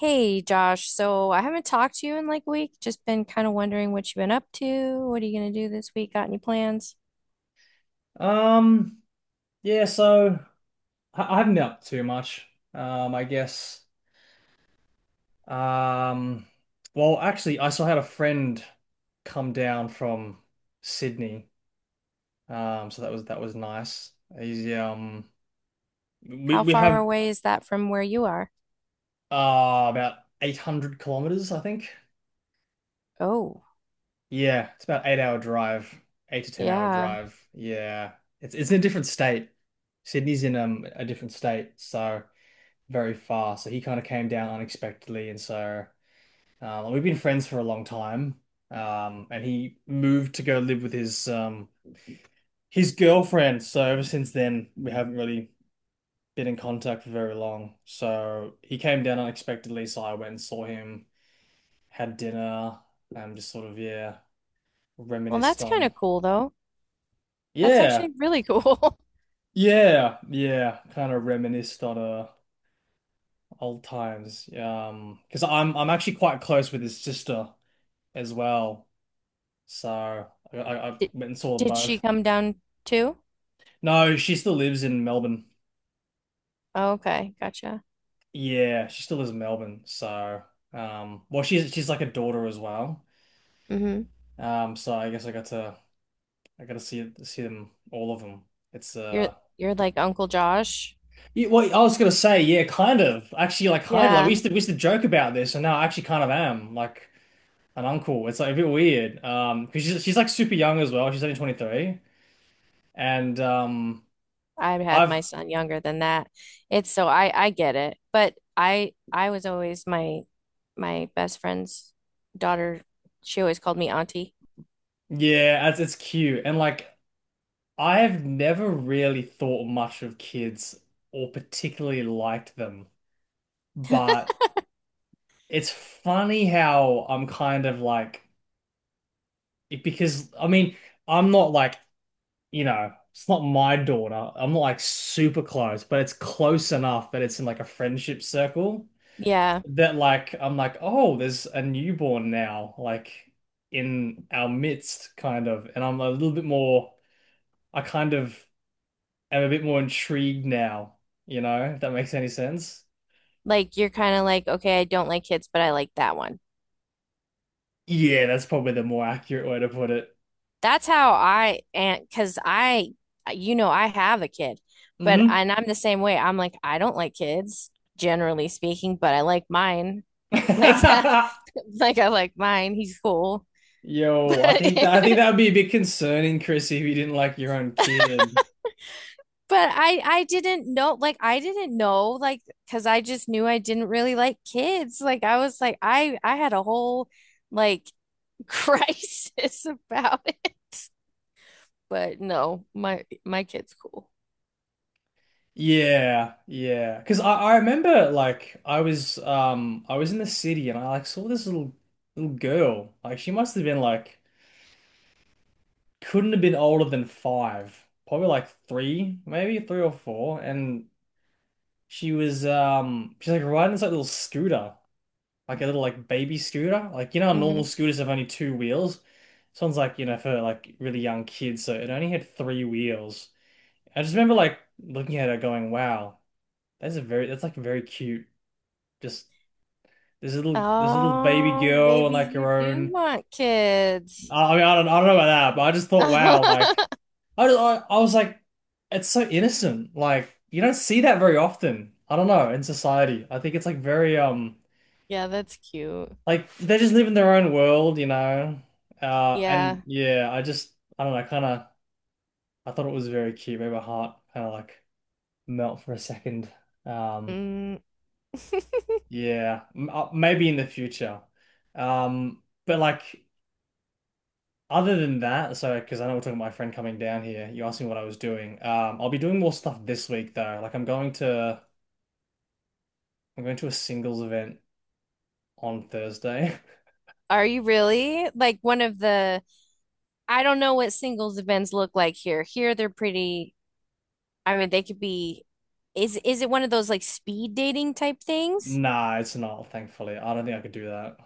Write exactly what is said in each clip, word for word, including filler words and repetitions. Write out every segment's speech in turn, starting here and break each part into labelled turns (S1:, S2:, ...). S1: Hey Josh, so I haven't talked to you in like a week. Just been kind of wondering what you've been up to. What are you going to do this week? Got any plans?
S2: Um, yeah, so I I haven't been up too much. Um, I guess. Um, well, actually, I still had a friend come down from Sydney. Um, so that was that was nice. He's, um, we
S1: How
S2: we
S1: far
S2: have
S1: away is that from where you are?
S2: uh about eight hundred kilometers, I think.
S1: Oh,
S2: Yeah, it's about eight hour drive, eight to ten hour
S1: yeah.
S2: drive. Yeah, it's it's in a different state. Sydney's in um a different state, so. Very fast. So he kind of came down unexpectedly, and so um, we've been friends for a long time. Um, and he moved to go live with his um his girlfriend. So ever since then, we haven't really been in contact for very long. So he came down unexpectedly, so I went and saw him, had dinner, and just sort of, yeah,
S1: Well,
S2: reminisced
S1: that's kind
S2: on,
S1: of cool though. That's
S2: yeah.
S1: actually really cool.
S2: Yeah, yeah, kind of reminisced on uh old times. Um, because I'm I'm actually quite close with his sister as well. So I, I, I
S1: Did,
S2: went and saw them
S1: did she
S2: both.
S1: come down too?
S2: No, she still lives in Melbourne.
S1: Oh, okay, gotcha.
S2: Yeah, she still lives in Melbourne. So, um, well, she's she's like a daughter as well.
S1: Mm-hmm.
S2: Um, so I guess I got to I got to see see them, all of them. It's,
S1: You're
S2: uh,
S1: you're like Uncle Josh.
S2: yeah, well, I was gonna say, yeah, kind of, actually, like, kind of like we
S1: Yeah.
S2: used to we used to joke about this, and now I actually kind of am like an uncle. It's like a bit weird. Um, because she's she's like super young as well. She's only twenty-three, and um,
S1: I had
S2: I've,
S1: my son younger than that. It's so I I get it, but I I was always my my best friend's daughter. She always called me auntie.
S2: yeah, it's it's cute, and like. I have never really thought much of kids or particularly liked them, but it's funny how I'm kind of like, it- because I mean, I'm not like, you know, it's not my daughter. I'm not like super close, but it's close enough that it's in like a friendship circle,
S1: Yeah,
S2: that like, I'm like, oh, there's a newborn now, like, in our midst, kind of. And I'm a little bit more, I kind of. Am a bit more intrigued now, you know, if that makes any sense.
S1: like you're kind of like okay, I don't like kids, but I like that one.
S2: Yeah, that's probably the more accurate way to put it.
S1: That's how I, and because I, you know, I have a kid, but
S2: Hmm.
S1: and I'm the same way. I'm like I don't like kids generally speaking, but I like mine like that. Like I like mine. He's cool,
S2: Yo, I think that I think
S1: but.
S2: that would be a bit concerning, Chris, if you didn't like your own kid.
S1: But I I didn't know, like I didn't know, like because I just knew I didn't really like kids. Like I was like I I had a whole like crisis about it. But no, my my kid's cool.
S2: Yeah, yeah. Because I, I remember, like, I was um I was in the city and I like saw this little little girl. Like, she must have been like, couldn't have been older than five, probably like three, maybe three or four. And She was um she's like riding this like little scooter, like a little like baby scooter. Like, you know how normal
S1: Hmm.
S2: scooters have only two wheels? This one's like, you know, for like really young kids, so it only had three wheels. I just remember like looking at her going, wow, that's a very that's like very cute. Just this little this little baby
S1: Oh,
S2: girl, and
S1: maybe
S2: like
S1: you
S2: her
S1: do
S2: own.
S1: want kids.
S2: I I mean I don't, I don't know about that, but I just thought, wow, like, I just, I, I was like, it's so innocent. Like, you don't see that very often. I don't know, in society. I think it's like very um
S1: Yeah, that's cute.
S2: like they just live in their own world, you know. Uh, and
S1: Yeah.
S2: yeah, I just I don't know, kind of, I thought it was very cute. Made my heart kind of like melt for a second. Um,
S1: Mm.
S2: yeah, m uh, maybe in the future. Um, but like, other than that, so, because I know we're talking about my friend coming down here, you asked me what I was doing. Um, I'll be doing more stuff this week though. Like, I'm going to I'm going to a singles event on Thursday.
S1: Are you really? Like one of the, I don't know what singles events look like here. Here they're pretty, I mean, they could be. Is is it one of those like speed dating type things?
S2: Nah, it's not, thankfully. I don't think I could do that.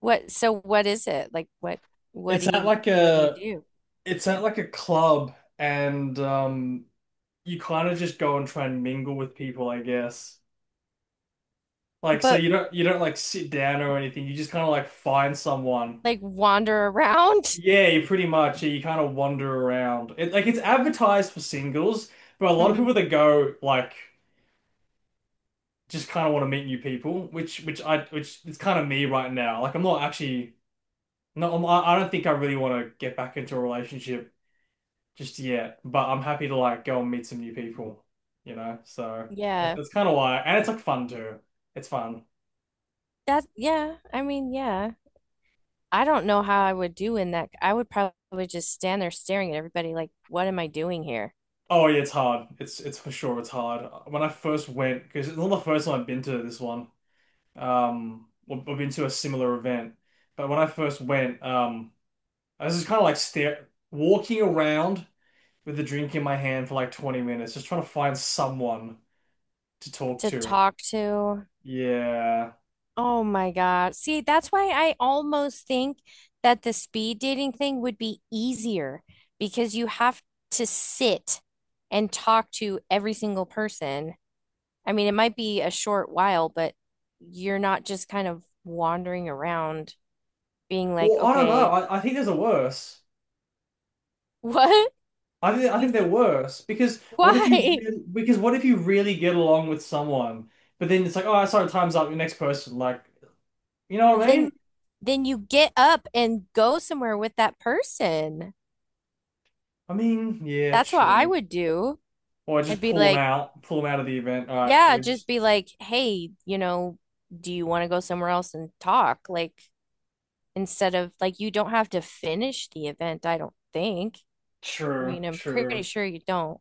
S1: What, so what is it? Like what what
S2: It's
S1: do
S2: at
S1: you,
S2: like
S1: what do you
S2: a
S1: do?
S2: it's at like a club, and um you kind of just go and try and mingle with people, I guess. Like, so
S1: But
S2: you don't you don't like sit down or anything. You just kind of like find someone.
S1: like wander around?
S2: Yeah, you pretty much, yeah, you kind of wander around. It like it's advertised for singles, but a lot of
S1: Hmm.
S2: people that go like just kind of want to meet new people, which which I which it's kind of me right now. Like, I'm not actually, no, I'm, I I don't think I really want to get back into a relationship just yet, but I'm happy to like go and meet some new people, you know? So that's,
S1: Yeah.
S2: that's kind of why. And it's like fun too. It's fun.
S1: That, yeah, I mean, yeah. I don't know how I would do in that. I would probably just stand there staring at everybody like, what am I doing here?
S2: Oh yeah, it's hard. It's it's for sure, it's hard. When I first went, because it's not the first time I've been to this one. Um, well, I've been to a similar event, but when I first went, um, I was just kind of like stare walking around with a drink in my hand for like twenty minutes, just trying to find someone to talk
S1: To
S2: to.
S1: talk to.
S2: Yeah.
S1: Oh my God. See, that's why I almost think that the speed dating thing would be easier because you have to sit and talk to every single person. I mean, it might be a short while, but you're not just kind of wandering around being like,
S2: Well, I don't know.
S1: okay,
S2: I, I think there's a worse.
S1: what?
S2: I think I
S1: You
S2: think they're
S1: think,
S2: worse, because what if you
S1: why?
S2: really, because what if you really get along with someone, but then it's like, oh, sorry, time's up, your next person. Like, you know what I
S1: Then
S2: mean?
S1: then you get up and go somewhere with that person.
S2: I mean, yeah,
S1: That's what I
S2: true.
S1: would do.
S2: Or I
S1: I'd
S2: just
S1: be
S2: pull them
S1: like,
S2: out, pull them out of the event. All right,
S1: yeah,
S2: we
S1: just
S2: just,
S1: be like, hey, you know, do you want to go somewhere else and talk? Like, instead of like, you don't have to finish the event, I don't think. I
S2: true,
S1: mean, I'm pretty
S2: true,
S1: sure you don't.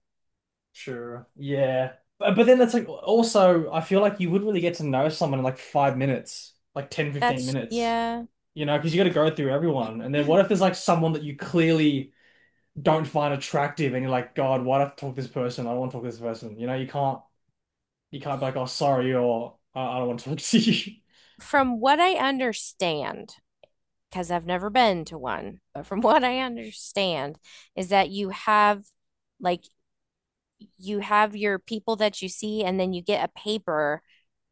S2: true. Yeah, but but then it's like, also, I feel like you wouldn't really get to know someone in like five minutes, like ten fifteen
S1: That's,
S2: minutes,
S1: yeah.
S2: you know, because you got to go through everyone. And then what if there's like someone that you clearly don't find attractive and you're like, God, why do I have to talk to this person? I don't want to talk to this person. You know, you can't you can't be like, oh, sorry, or I I don't want to talk to you.
S1: From what I understand, because I've never been to one, but from what I understand is that you have like, you have your people that you see, and then you get a paper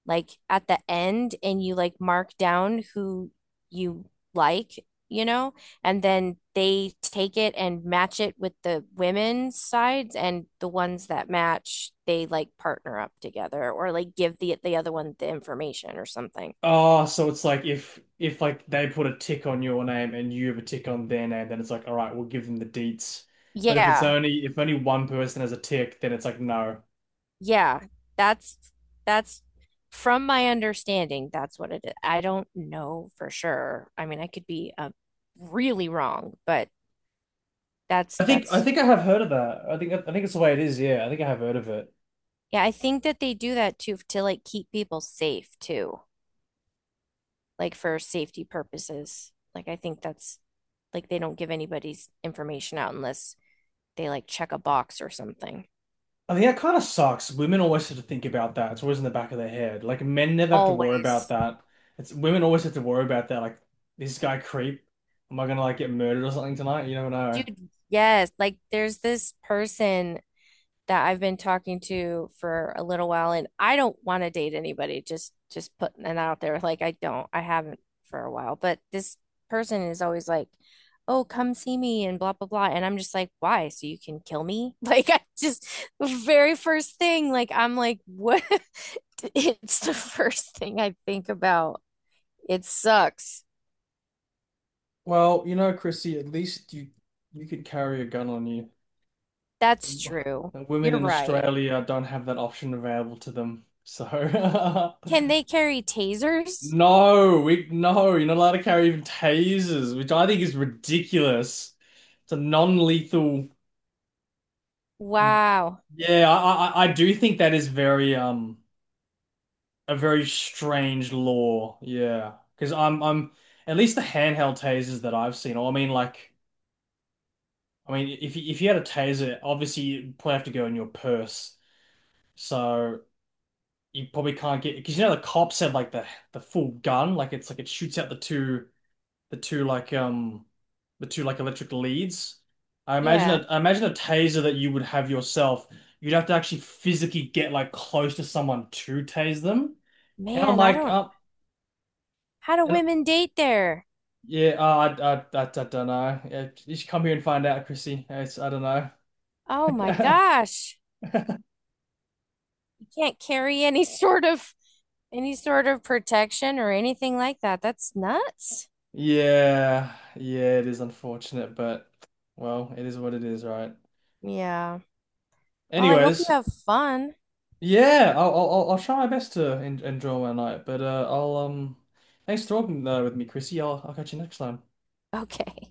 S1: like at the end and you like mark down who you like, you know, and then they take it and match it with the women's sides, and the ones that match, they like partner up together or like give the the other one the information or something.
S2: Oh, so it's like, if if like they put a tick on your name and you have a tick on their name, then it's like, all right, we'll give them the deets. But if it's
S1: Yeah.
S2: only if only one person has a tick, then it's like, no.
S1: Yeah. That's that's from my understanding, that's what it is. I don't know for sure. I mean, I could be uh, really wrong, but that's
S2: I think I
S1: that's
S2: think I have heard of that. I think I think it's the way it is, yeah. I think I have heard of it.
S1: Yeah, I think that they do that too, to like keep people safe too, like for safety purposes. Like I think that's like they don't give anybody's information out unless they like check a box or something.
S2: I think that kind of sucks. Women always have to think about that. It's always in the back of their head. Like, men never have to worry about
S1: Always.
S2: that. It's women always have to worry about that. Like, this guy creep. Am I gonna like get murdered or something tonight? You never know.
S1: Dude, yes, like there's this person that I've been talking to for a little while, and I don't want to date anybody, just just putting it out there. Like I don't, I haven't for a while, but this person is always like, oh, come see me and blah blah blah, and I'm just like, why, so you can kill me? Like I just, the very first thing, like I'm like, what? It's the first thing I think about. It sucks.
S2: Well, you know, Chrissy, at least you you could carry a gun on you.
S1: That's true.
S2: The women
S1: You're
S2: in
S1: right.
S2: Australia don't have that option available to them. So
S1: Can they carry tasers?
S2: no, we no, you're not allowed to carry even tasers, which I think is ridiculous. It's a non-lethal.
S1: Wow.
S2: Yeah, I, I I do think that is very um a very strange law. Yeah, because I'm I'm at least the handheld tasers that I've seen. Or I mean, like, I mean, if you, if you had a taser, obviously you probably have to go in your purse, so you probably can't get, because you know the cops have like the the full gun, like, it's like it shoots out the two. The two like um the two like electric leads. I imagine
S1: Yeah,
S2: a I imagine a taser that you would have yourself. You'd have to actually physically get like close to someone to tase them. And I'm
S1: man, I
S2: like,
S1: don't,
S2: uh,
S1: how do
S2: and
S1: women date there?
S2: yeah, uh, I, I I I don't know. Yeah, you should come here and find out, Chrissy. It's, I don't know.
S1: Oh my gosh. You can't carry any sort of, any sort of protection or anything like that. That's nuts.
S2: Yeah, yeah, it is unfortunate, but well, it is what it is, right?
S1: Yeah. Well, I hope you
S2: Anyways,
S1: have fun.
S2: yeah, I'll I'll I'll I'll try my best to en enjoy my night, but, uh, I'll, um, thanks for talking, uh, with me, Chrissy. I'll I'll catch you next time.
S1: Okay.